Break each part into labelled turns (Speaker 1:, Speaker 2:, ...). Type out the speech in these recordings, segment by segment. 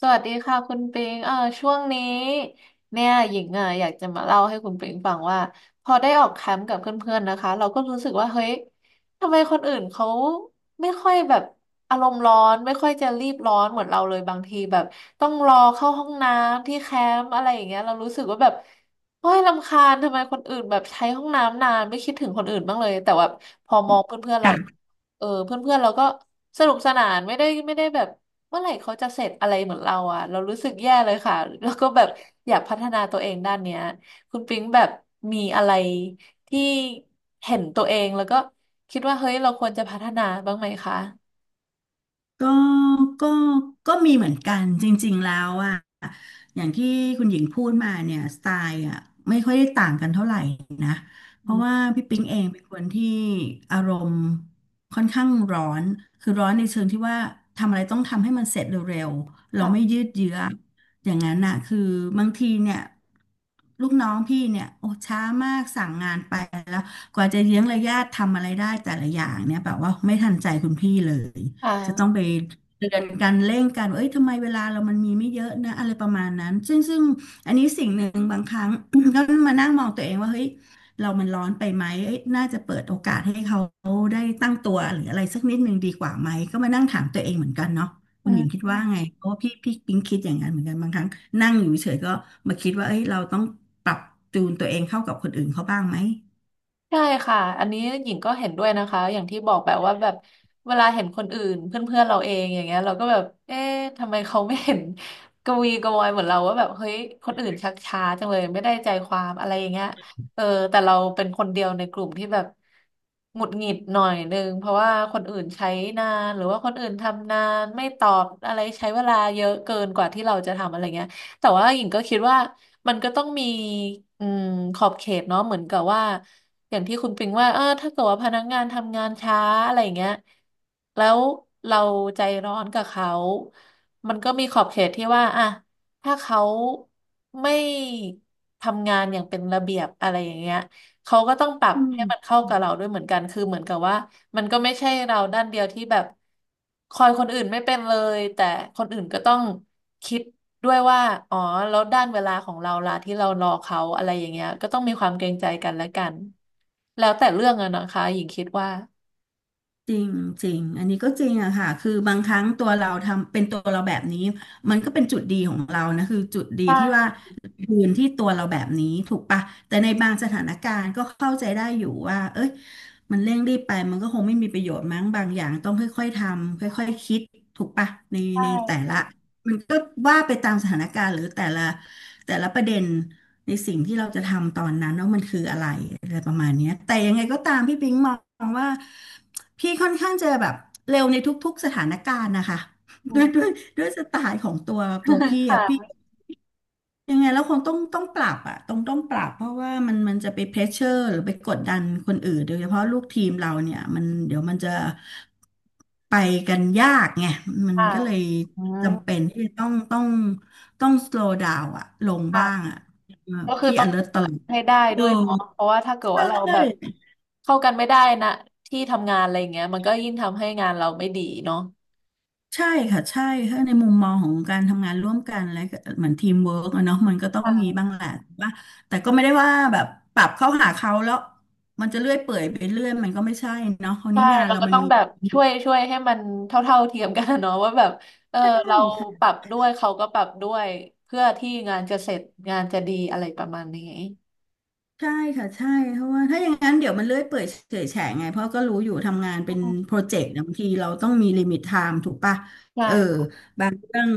Speaker 1: สวัสดีค่ะคุณปิงช่วงนี้เนี่ยหญิงอ่ะอยากจะมาเล่าให้คุณปิงฟังว่าพอได้ออกแคมป์กับเพื่อนๆนะคะเราก็รู้สึกว่าเฮ้ยทำไมคนอื่นเขาไม่ค่อยแบบอารมณ์ร้อนไม่ค่อยจะรีบร้อนเหมือนเราเลยบางทีแบบต้องรอเข้าห้องน้ำที่แคมป์อะไรอย่างเงี้ยเรารู้สึกว่าแบบโอ้ยรำคาญทำไมคนอื่นแบบใช้ห้องน้ำนานไม่คิดถึงคนอื่นบ้างเลยแต่ว่าพอมองเพื่อนๆเรา
Speaker 2: ค่ะ
Speaker 1: เพื่อนๆเราก็สนุกสนานไม่ได้แบบ เมื่อไหร่เขาจะเสร็จอะไรเหมือนเราอ่ะเรารู้สึกแย่เลยค่ะแล้วก็แบบอยากพัฒนาตัวเองด้านเนี้ยคุณปิ๊งแบบมีอะไรที่เห็นตัวเองแล้วก็คิดว่าเฮ้ยเราควรจะพัฒนาบ้างไหมคะ
Speaker 2: ก็ก็ก็มีเหมือนกันจริงๆ แล้วอะอย่างที่คุณหญิงพูดมาเนี่ยสไตล์อะไม่ค่อยได้ต่างกันเท่าไหร่นะเพ
Speaker 1: อื
Speaker 2: ราะว่า
Speaker 1: ม
Speaker 2: พี่ปิ๊งเองเป็นคนที่อารมณ์ค่อนข้างร้อน คือร้อนในเชิงที่ว่าทำอะไรต้องทำให้มันเสร็จเร็วๆเราไม่
Speaker 1: ค่ะ
Speaker 2: ยืดเยื้ออย่างนั้นน่ะคือบางทีเนี่ยลูกน้องพี่เนี่ยโอ้ช้ามากสั่งงานไปแล้วกว่าจะเยื้องระยะทำอะไรได้แต่ละอย่างเนี่ยแบบว่าไม่ทันใจคุณพี่เลย จะต้อง
Speaker 1: อ่า
Speaker 2: ไปเตือนกันเร่งกันว่าเอ้ยทำไมเวลาเรามันมีไม่เยอะนะอะไรประมาณนั้นซึ่งอันนี้สิ่งหนึ่งบางครั้ง ก็มานั่งมองตัวเองว่าเฮ้ยเรามันร้อนไปไหมเอ้ยน่าจะเปิดโอกาสให้เขาได้ตั้งตัวหรืออะไรสักนิดหนึ่งดีกว่าไหมก็มานั่งถามตัวเองเหมือนกันเนาะคุณห
Speaker 1: อื
Speaker 2: ญิงคิดว่าไงเพราะว่าพี่ปิ๊งคิดอย่างนั้นเหมือนกันบางครั้งนั่งอยู่เฉยๆก็มาคิดว่าเอ้ยเราต้องปรับจูนตัวเองเข้ากับคนอื่นเขาบ้างไหม
Speaker 1: ใช่ค่ะอันนี้หญิงก็เห็นด้วยนะคะ อย่างที่บอกแบบว่าแบบเวลาเห็นคนอื่นเพื่อนๆเราเองอย่างเงี้ยเราก็แบบเอ๊ะทำไมเขาไม่เห็น กระวีกระวอยเหมือนเราว่าแบบเฮ้ยคนอื่นชักช้าจังเลยไม่ได้ใจความอะไรอย่างเงี้ยเออแต่เราเป็นคนเดียวในกลุ่มที่แบบหงุดหงิดหน่อยนึงเพราะว่าคนอื่นใช้นานหรือว่าคนอื่นทำนานไม่ตอบอะไรใช้เวลาเยอะเกินกว่าที่เราจะทำอะไรเงี้ย แต่ว่าหญิงก็คิดว่ามันก็ต้องมีอืมขอบเขตเนาะเหมือนกับว่าอย่างที่คุณปิงว่าเออถ้าเกิดว่าพนักงานทำงานช้าอะไรอย่างเงี้ยแล้วเราใจร้อนกับเขามันก็มีขอบเขตที่ว่าอ่ะถ้าเขาไม่ทำงานอย่างเป็นระเบียบอะไรอย่างเงี้ย เขาก็ต้องปรับ
Speaker 2: อื
Speaker 1: ให้
Speaker 2: ม
Speaker 1: มันเข้ากับเราด้วยเหมือนกันคือเหมือนกับว่ามันก็ไม่ใช่เราด้านเดียวที่แบบคอยคนอื่นไม่เป็นเลยแต่คนอื่นก็ต้องคิดด้วยว่าอ๋อแล้วด้านเวลาของเราล่ะที่เรารอเขาอะไรอย่างเงี้ยก็ต้องมีความเกรงใจกันและกันแล้วแต่เรื่องอะนะคะหญิงคิดว่า
Speaker 2: จริงจริงอันนี้ก็จริงอะค่ะคือบางครั้งตัวเราทำเป็นตัวเราแบบนี้มันก็เป็นจุดดีของเรานะคือจุดดีที่ว่า
Speaker 1: ใช่
Speaker 2: ยืนที่ตัวเราแบบนี้ถูกปะแต่ในบางสถานการณ์ก็เข้าใจได้อยู่ว่าเอ้ยมันเร่งรีบไปมันก็คงไม่มีประโยชน์มั้งบางอย่างต้องค่อยๆทำค่อยๆคิดถูกปะในแต่
Speaker 1: ใช่
Speaker 2: ละมันก็ว่าไปตามสถานการณ์หรือแต่ละแต่ละประเด็น ในสิ่งที่เราจะทำตอนนั้นว่ามันคืออะไรอะไรประมาณเนี้ยแต่ยังไงก็ตามพี่ปิงมองว่าพี่ค่อนข้างจะแบบเร็วในทุกๆสถานการณ์นะคะ
Speaker 1: อื
Speaker 2: ด้วยด้วย
Speaker 1: ม
Speaker 2: ด้วยสไตล์ของตัวพี่ อะพี่
Speaker 1: ค่ะ
Speaker 2: ยังไงแล้วคงต้องปรับอะต้องปรับเพราะว่ามันจะไปเพรสเชอร์หรือไปกดดันคนอื่นโดยเฉพาะลูกทีมเราเนี่ยมันเดี๋ยวมันจะไปกันยากไงมัน
Speaker 1: ค่ะ
Speaker 2: ก็เลย
Speaker 1: อืม
Speaker 2: จำเป็นที่ต้อง slow down อะลงบ้าง
Speaker 1: ค่ะ
Speaker 2: อะเอ่อ
Speaker 1: ก็คือ
Speaker 2: พี่
Speaker 1: ต้อง
Speaker 2: alert ตลอด
Speaker 1: ให้ได้
Speaker 2: เอ
Speaker 1: ด้
Speaker 2: อ
Speaker 1: วยเนาะเพราะว่าถ้าเกิด
Speaker 2: ใช
Speaker 1: ว่าเราแบบ
Speaker 2: ่
Speaker 1: เข้ากันไม่ได้นะที่ทำงานอะไรอย่างเงี้ยมันก็ยิ่งทำให้งานเราไม่ดีเนาะ
Speaker 2: ใช่ค่ะใช่ถ้าในมุมมองของการทำงานร่วมกันและเหมือนทีมเวิร์กอะเนาะมันก็ต้อง
Speaker 1: ค่ะ
Speaker 2: มีบ้างแหละว่าแต่ก็ไม่ได้ว่าแบบปรับเข้าหาเขาแล้วมันจะเลื่อยเปื่อยไปเรื่อยมันก็ไม่ใช่เนาะคราว
Speaker 1: ใช่
Speaker 2: นี้งาน
Speaker 1: เรา
Speaker 2: เรา
Speaker 1: ก็
Speaker 2: มั
Speaker 1: ต้
Speaker 2: น
Speaker 1: อง
Speaker 2: มี
Speaker 1: แบบช่วยให้มันเท่าเทียมกันอะเนาะ ว่าแบบเออเราป
Speaker 2: ใช่
Speaker 1: รับด้วยเขาก็ปรับด้วยเพื่อที่งานจะเสร็จงานจะดีอะไรประมาณนี้
Speaker 2: ใช่ค่ะใช่เพราะว่าถ้าอย่างนั้นเดี๋ยวมันเลื่อยเปื่อยเฉอยแฉะไงเพราะก็รู้อยู่ทำงาน
Speaker 1: อื
Speaker 2: เป็น
Speaker 1: ม
Speaker 2: โปรเจกต์นะบางทีเราต้องมีลิมิตไทม์ถูกปะเออ
Speaker 1: ใช่
Speaker 2: บางเรื่อง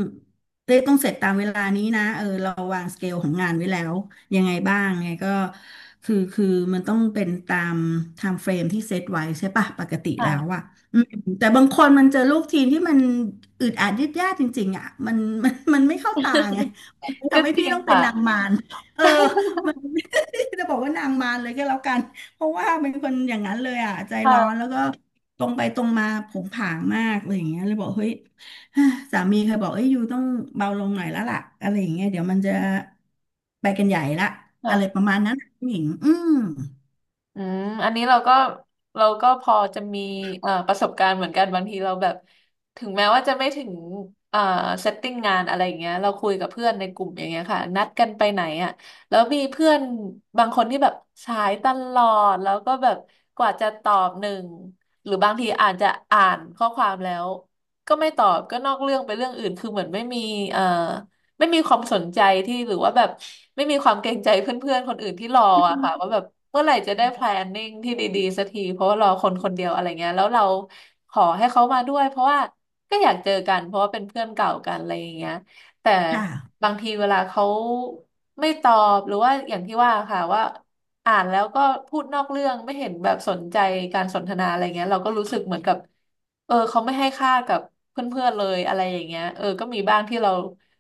Speaker 2: เต้ต้องเสร็จตามเวลานี้นะเออเราวางสเกลของงานไว้แล้วยังไงบ้างไงก็คือมันต้องเป็นตามไทม์เฟรมที่เซตไว้ใช่ปะปกติแล้วอะ
Speaker 1: ค่ะ
Speaker 2: อืมแต่บางคนมันเจอลูกทีมที่มันอึดอัดยืดยาดจริงๆอะมันไม่เข้าตาไงมัน
Speaker 1: ก็
Speaker 2: ทำให้
Speaker 1: จริ
Speaker 2: พี่
Speaker 1: ง
Speaker 2: ต้องเป็น
Speaker 1: ค่ะ
Speaker 2: นางมารเออ มัน จะบอกว่านางมารเลยก็แล้วกันเพราะว่าเป็นคนอย่างนั้นเลยอ่ะใจร้อน
Speaker 1: ค
Speaker 2: แล้วก็ตรงไปตรงมาผงผางมากอะไรอย่างเงี้ยเลยบอกเฮ้ย สามีเคยบอกเอ้ยยูต้องเบาลงหน่อยแล้วล่ะอะไรอย่างเงี้ยเดี๋ยวมันจะไปกันใหญ่ละอะไรป
Speaker 1: ่ะ
Speaker 2: ระมาณนั้นผู้หญิงอืม
Speaker 1: อืมอันนี้เราก็เราก็พอจะมีประสบการณ์เหมือนกันบางทีเราแบบถึงแม้ว่าจะไม่ถึงเอ่อเซตติ้งงานอะไรอย่างเงี้ยเราคุยกับเพื่อนในกลุ่มอย่างเงี้ยค่ะนัดกันไปไหนอ่ะแล้วมีเพื่อนบางคนที่แบบสายตลอดแล้วก็แบบกว่าจะตอบหนึ่งหรือบางทีอาจจะอ่านข้อความแล้วก็ไม่ตอบก็นอกเรื่องไปเรื่องอื่นคือเหมือนไม่มีเอ่อ ไม่มีความสนใจที่หรือว่าแบบไม่มีความเกรงใจเพื่อนๆคนอื่นที่รออะค่ะว่าแบบเมื่อไหร่จะได้ planning ที่ดีๆสักทีเพราะว่ารอคนคนเดียวอะไรเงี้ยแล้วเราขอให้เขามาด้วยเพราะว่าก็อยากเจอกันเพราะว่าเป็นเพื่อนเก่ากันอะไรอย่างเงี้ยแต่
Speaker 2: ค่ะ
Speaker 1: บางทีเวลาเขาไม่ตอบหรือว่าอย่างที่ว่าค่ะว่าอ่านแล้วก็พูดนอกเรื่องไม่เห็นแบบสนใจการสนทนาอะไรเงี้ยเราก็รู้สึกเหมือนกับ เออเขาไม่ให้ค่ากับเพื่อนๆเลยอะไรอย่างเงี้ยเออก็มีบ้างที่เรา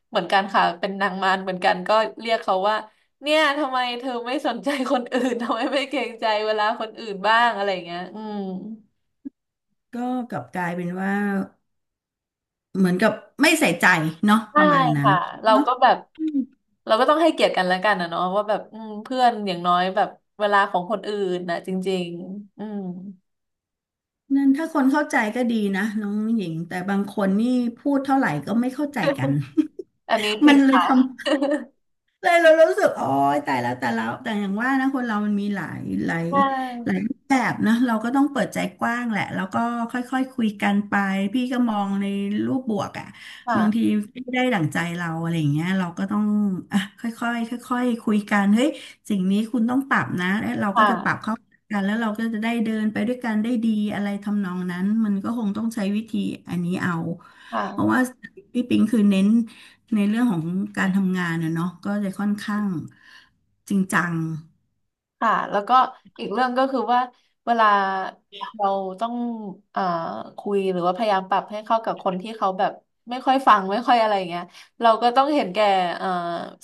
Speaker 1: เหมือนกันค่ะเป็นนางมารเหมือนกันก็เรียกเขาว่าเนี่ยทำไมเธอไม่สนใจคนอื่น ทำไมไม่เกรงใจเวลาคนอื่นบ้างอะไรอย่างเงี้ยอืม
Speaker 2: ก็กลับกลายเป็นว่าเหมือนกับไม่ใส่ใจเนาะป
Speaker 1: ใช่
Speaker 2: ระมาณนั้น
Speaker 1: ค่ะเรา
Speaker 2: เนาะ
Speaker 1: ก็แบบ
Speaker 2: อืม
Speaker 1: เราก็ต้องให้เกียรติกันแล้วกันนะเนาะว่าแบบอืมเพื่อนอย่างน้อยแบบเวลาของคนอื่นนะจริงๆอืม
Speaker 2: นั่นถ้าคนเข้าใจก็ดีนะน้องหญิงแต่บางคนนี่พูดเท่าไหร่ก็ไม่เข้าใจกัน
Speaker 1: อันนี้จ
Speaker 2: มั
Speaker 1: ริ
Speaker 2: น
Speaker 1: ง
Speaker 2: เลย
Speaker 1: ค่ะ
Speaker 2: ทำ เลยเรารู้สึกโอ้ยแต่แล้วแต่แล้วแต่อย่างว่านะคนเรามันมีหลาย
Speaker 1: ใช่
Speaker 2: หลายรูปแบบนะเราก็ต้องเปิดใจกว้างแหละแล้วก็ค่อยๆคคุยกันไปพี่ก็มองในรูปบวกอ่ะบางที
Speaker 1: ค่ะ
Speaker 2: ไม่ได้ดั่งใจเราอะไรอย่างเงี้ยเราก็ต้องอ่ะค่อยๆค่อยๆคุยกันเฮ้ยสิ่งนี้คุณต้องปรับนะแล้วเราก็จะปรับ
Speaker 1: ค่ะ
Speaker 2: เข้ากันแล้วเราก็จะได้เดินไปด้วยกันได้ดีอะไรทำนองนั้นมันก็คงต้องใช้วิธีอันนี้เอา
Speaker 1: ค
Speaker 2: เพราะว่า
Speaker 1: ่ะ
Speaker 2: พี่ปิงคือเน้นในเรื่องของการทำงานนะเนาะก็จะค่อนข้างจริงจัง
Speaker 1: ค่ะแล้วก็อีกเรื่องก็คือว่าเวลาเราต้องอ่าคุยหรือว่าพยายามปรับให้เข้ากับคนที่เขาแบบไม่ค่อยฟังไม่ค่อยอะไรอย่างเงี้ยเราก็ต้องเห็นแก่อ่า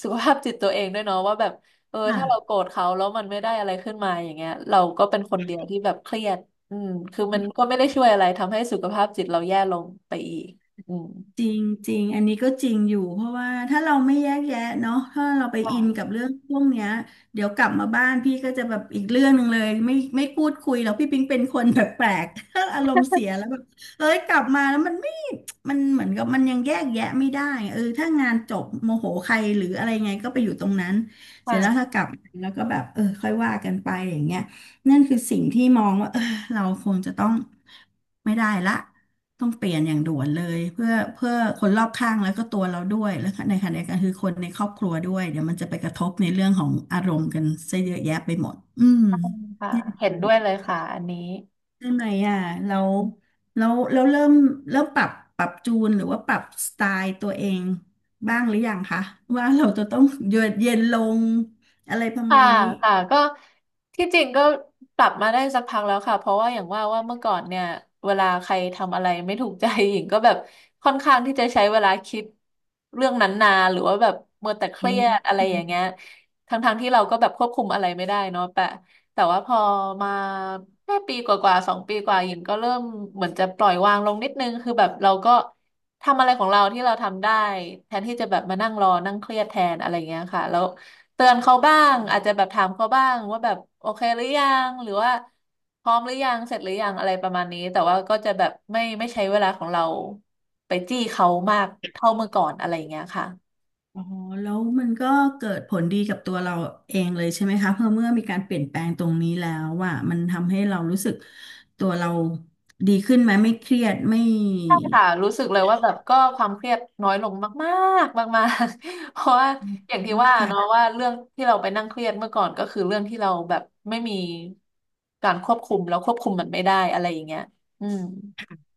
Speaker 1: สุขภาพจิตตัวเองด้วยเนาะว่าแบบเออ
Speaker 2: ค่ะ
Speaker 1: ถ้าเราโกรธเขาแล้วมันไม่ได้อะไรขึ้นมาอย่างเงี้ยเราก็เป็นคนเดียวที่แบบเครียดอืมคือมันก็ไม่ได้ช่วยอะไรทำให้สุขภาพจิตเราแย่ลงไปอีกอืม
Speaker 2: จริงจริงอันนี้ก็จริงอยู่เพราะว่าถ้าเราไม่แยกแยะเนาะถ้าเราไป
Speaker 1: ค่ะ
Speaker 2: อินกับเรื่องพวกเนี้ยเดี๋ยวกลับมาบ้านพี่ก็จะแบบอีกเรื่องหนึ่งเลยไม่พูดคุยแล้วพี่ปิ๊งเป็นคน แปลกๆ ถ้าอารมณ์เสียแล้วแบบเอ้ยกลับมาแล้วมันเหมือนกับมันยังแยกแยะไม่ได้เออถ้างานจบโมโหใครหรืออะไรไงก็ไปอยู่ตรงนั้นเสร็จแล้วถ้า
Speaker 1: ค่ะ
Speaker 2: กลับมาแล้วก็แบบเออค่อยว่ากันไปอย่างเงี้ยนั่นคือสิ่งที่มองว่าเออ เราคงจะต้องไม่ได้ละต้องเปลี่ยนอย่างด่วนเลยเพื่อคนรอบข้างแล้วก็ตัวเราด้วยแล้วก็ในขณะเดียวกันคือคนในครอบครัวด้วยเดี๋ยวมันจะไปกระทบในเรื่องของอารมณ์กันซะเยอะแยะไปหมดอืม
Speaker 1: ค่ะ
Speaker 2: เนี่ย
Speaker 1: เห็
Speaker 2: คือ
Speaker 1: นด้วยเลยค่ะอันนี้
Speaker 2: เรื่องไหนอ่ะเราเราเราเริ่มเริ่มปรับปรับจูนหรือว่าปรับสไตล์ตัวเองบ้างหรือยังคะว่าเราจะต้องเยือกเย็นลงอะไรประ
Speaker 1: ค่ะ
Speaker 2: มาณนี้
Speaker 1: ค่ะก็ที่จริงก็ปรับมาได้สักพักแล้วค่ะเพราะว่าอย่างว่าว่าเมื่อก่อนเนี่ยเวลาใครทำอะไรไม่ถูกใจ หญิงก็แบบ ค่อนข้างที่จะใช้เวลาคิดเรื่องนั้นนานหรือว่าแบบมัวแต่เครียดอะไรอย่างเงี้ยทั้งๆที่เราก็แบบควบคุมอะไรไม่ได้เนาะแต่ว่าพอมาแค่ปีกว่าๆสองปีกว่าหญิงก็เริ่มเหมือนจะปล่อยวางลงนิดนึงคือแบบเราก็ทำอะไรของเราที่เราทำได้แทนที่จะแบบมานั่งรอนั่งเครียดแทนอะไรอย่างเงี้ยค่ะแล้ว เตือนเขาบ้างอาจจะแบบถามเขาบ้างว่าแบบโอเคหรือยังหรือว่าพร้อมหรือยังเสร็จหรือยังอะไรประมาณนี้แต่ว่าก็จะแบบไม่ใช้เวลาของเราไปจี้เขามากเท่าเมื่อก่อนอะไรอย่างเงี้ยค่ะ
Speaker 2: อ๋อแล้วมันก็เกิดผลดีกับตัวเราเองเลยใช่ไหมคะเพราะเมื่อมีการเปลี่ยนแปลงตรงนี้แล้วว่ามันทำให้เรารู้สึกตัวเราดีขึ้นไหมไม่เครียดไม่
Speaker 1: ใช่ค่ะรู้สึกเลยว่าแบบก็ความเครียดน้อยลงมากๆ มากๆ เพราะว่าอย่างที่ว่าเนาะ
Speaker 2: ค่ะ
Speaker 1: ว่าเรื่องที่เราไปนั่งเครียดเมื่อก่อนก็คือเรื่องที่เราแบบไม่มีการควบคุมแล้วควบคุมมันไม่ได้อะไรอย่างเงี้ยอืม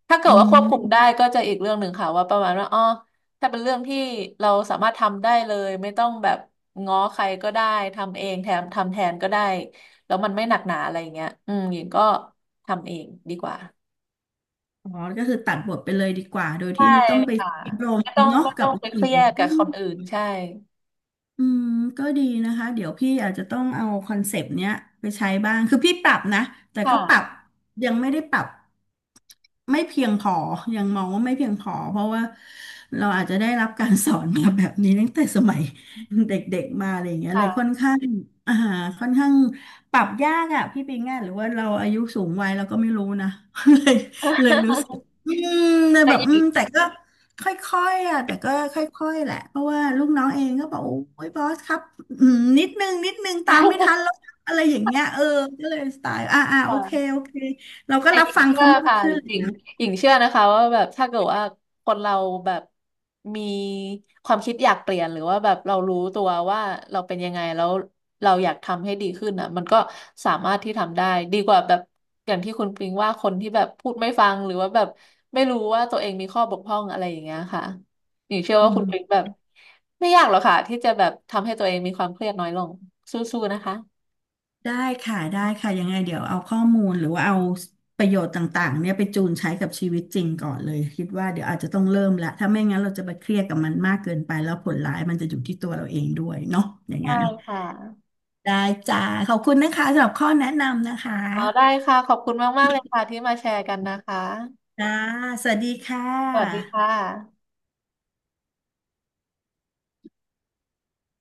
Speaker 1: ถ้าเกิ
Speaker 2: อื
Speaker 1: ดว่าควบคุมได้
Speaker 2: ม
Speaker 1: ก็จะอีกเรื่องหนึ่งค่ะว่าประมาณว่าอ๋อถ้าเป็นเรื่องที่เราสามารถทำได้เลยไม่ต้องแบบง้อใครก็ได้ทำเองแถมทำแทนก็ได้แล้วมันไม่หนักหนาอะไรอย่างเงี้ยอืมหญิงก็ทำเองดีกว่า
Speaker 2: อ๋อก็คือตัดบทไปเลยดีกว่าโดย
Speaker 1: ใช่
Speaker 2: ที่ไม่ต้องไป
Speaker 1: ค่ะ
Speaker 2: รม
Speaker 1: ไม่ต้อง
Speaker 2: เนาะ
Speaker 1: ไม่
Speaker 2: กั
Speaker 1: ต้อ
Speaker 2: บ
Speaker 1: งไปเค
Speaker 2: สิ่
Speaker 1: รี
Speaker 2: ง
Speaker 1: ยดกับคนอื่นใช่
Speaker 2: อืมก็ดีนะคะเดี๋ยวพี่อาจจะต้องเอาคอนเซปต์เนี้ยไปใช้บ้างคือพี่ปรับนะแต่ก็ปรับ
Speaker 1: ค่ะ
Speaker 2: ยังไม่ได้ปรับไม่เพียงพอยังมองว่าไม่เพียงพอเพราะว่าเราอาจจะได้รับการสอนมาแบบนี้ตั้งแต่สมัย เด็กๆมาอะไรอย่างเงี้ยเลยค่อน
Speaker 1: ค่ะ
Speaker 2: ข้างอ่าค่อนข้างปรับยากอ่ะพี่ปิงอ่ะหรือว่าเราอายุสูงวัยเราก็ไม่รู้นะ เลยเลยรู้สึก อืมเลย
Speaker 1: แต่
Speaker 2: แบบ
Speaker 1: ห
Speaker 2: อื
Speaker 1: ญิ
Speaker 2: ม
Speaker 1: ง
Speaker 2: แต่ก็ ค่อยๆอ่ะแต่ก็ค่อยๆแหละเพราะว่าลูกน้องเองก็บอกโอ้ยบอสครับอืมนิดนึงตามไม่ทันแล้ วครับอะไรอย่างเงี้ยเออก็เลยสไตล์โอเค
Speaker 1: ค่ะ
Speaker 2: โอเคเราก็
Speaker 1: แต่
Speaker 2: รั
Speaker 1: ห
Speaker 2: บ
Speaker 1: ญิง
Speaker 2: ฟัง
Speaker 1: เชื่อ
Speaker 2: เขามาก
Speaker 1: ค่ะ
Speaker 2: ขึ้น
Speaker 1: หญิงหญิงเชื่อนะคะว่าแบบถ้าเกิดว่าคนเราแบบมีความคิดอยากเปลี่ยนหรือว่าแบบเรารู้ตัวว่าเราเป็นยังไงแล้วเราอยากทำให้ดีขึ้นอ่ะมันก็สามารถที่ทำได้ดีกว่าแบบอย่างที่คุณปิงว่าคนที่แบบพูดไม่ฟังหรือว่าแบบไม่รู้ว่าตัวเองมีข้อบกพร่องอะไรอย่างเงี้ยค่ะหญิงเชื่อ
Speaker 2: อื
Speaker 1: ว่าคุ
Speaker 2: ม
Speaker 1: ณปิงแบบไม่ยากหรอกค่ะที่จะแบบทำให้ตัวเองมีความเครียดน้อยลงสู้ๆนะคะ
Speaker 2: ได้ค่ะได้ค่ะยังไงเดี๋ยวเอาข้อมูลหรือว่าเอาประโยชน์ต่างๆเนี่ยไปจูนใช้กับชีวิตจริงก่อนเลยคิดว่าเดี๋ยวอาจจะต้องเริ่มละถ้าไม่งั้นเราจะไปเครียดกับมันมากเกินไปแล้วผลร้ายมันจะอยู่ที่ตัวเราเองด้วยเนาะอย่าง
Speaker 1: ใช่
Speaker 2: นั้น
Speaker 1: ค่ะ
Speaker 2: ได้จ้าขอบคุณนะคะสำหรับข้อแนะนำนะคะ
Speaker 1: อ๋อได้ค่ะขอบคุณมากๆเลยค่ะที่มาแชร์กันนะคะ
Speaker 2: จ้า สวัสดีค่
Speaker 1: สวัสดีค่ะ
Speaker 2: ะ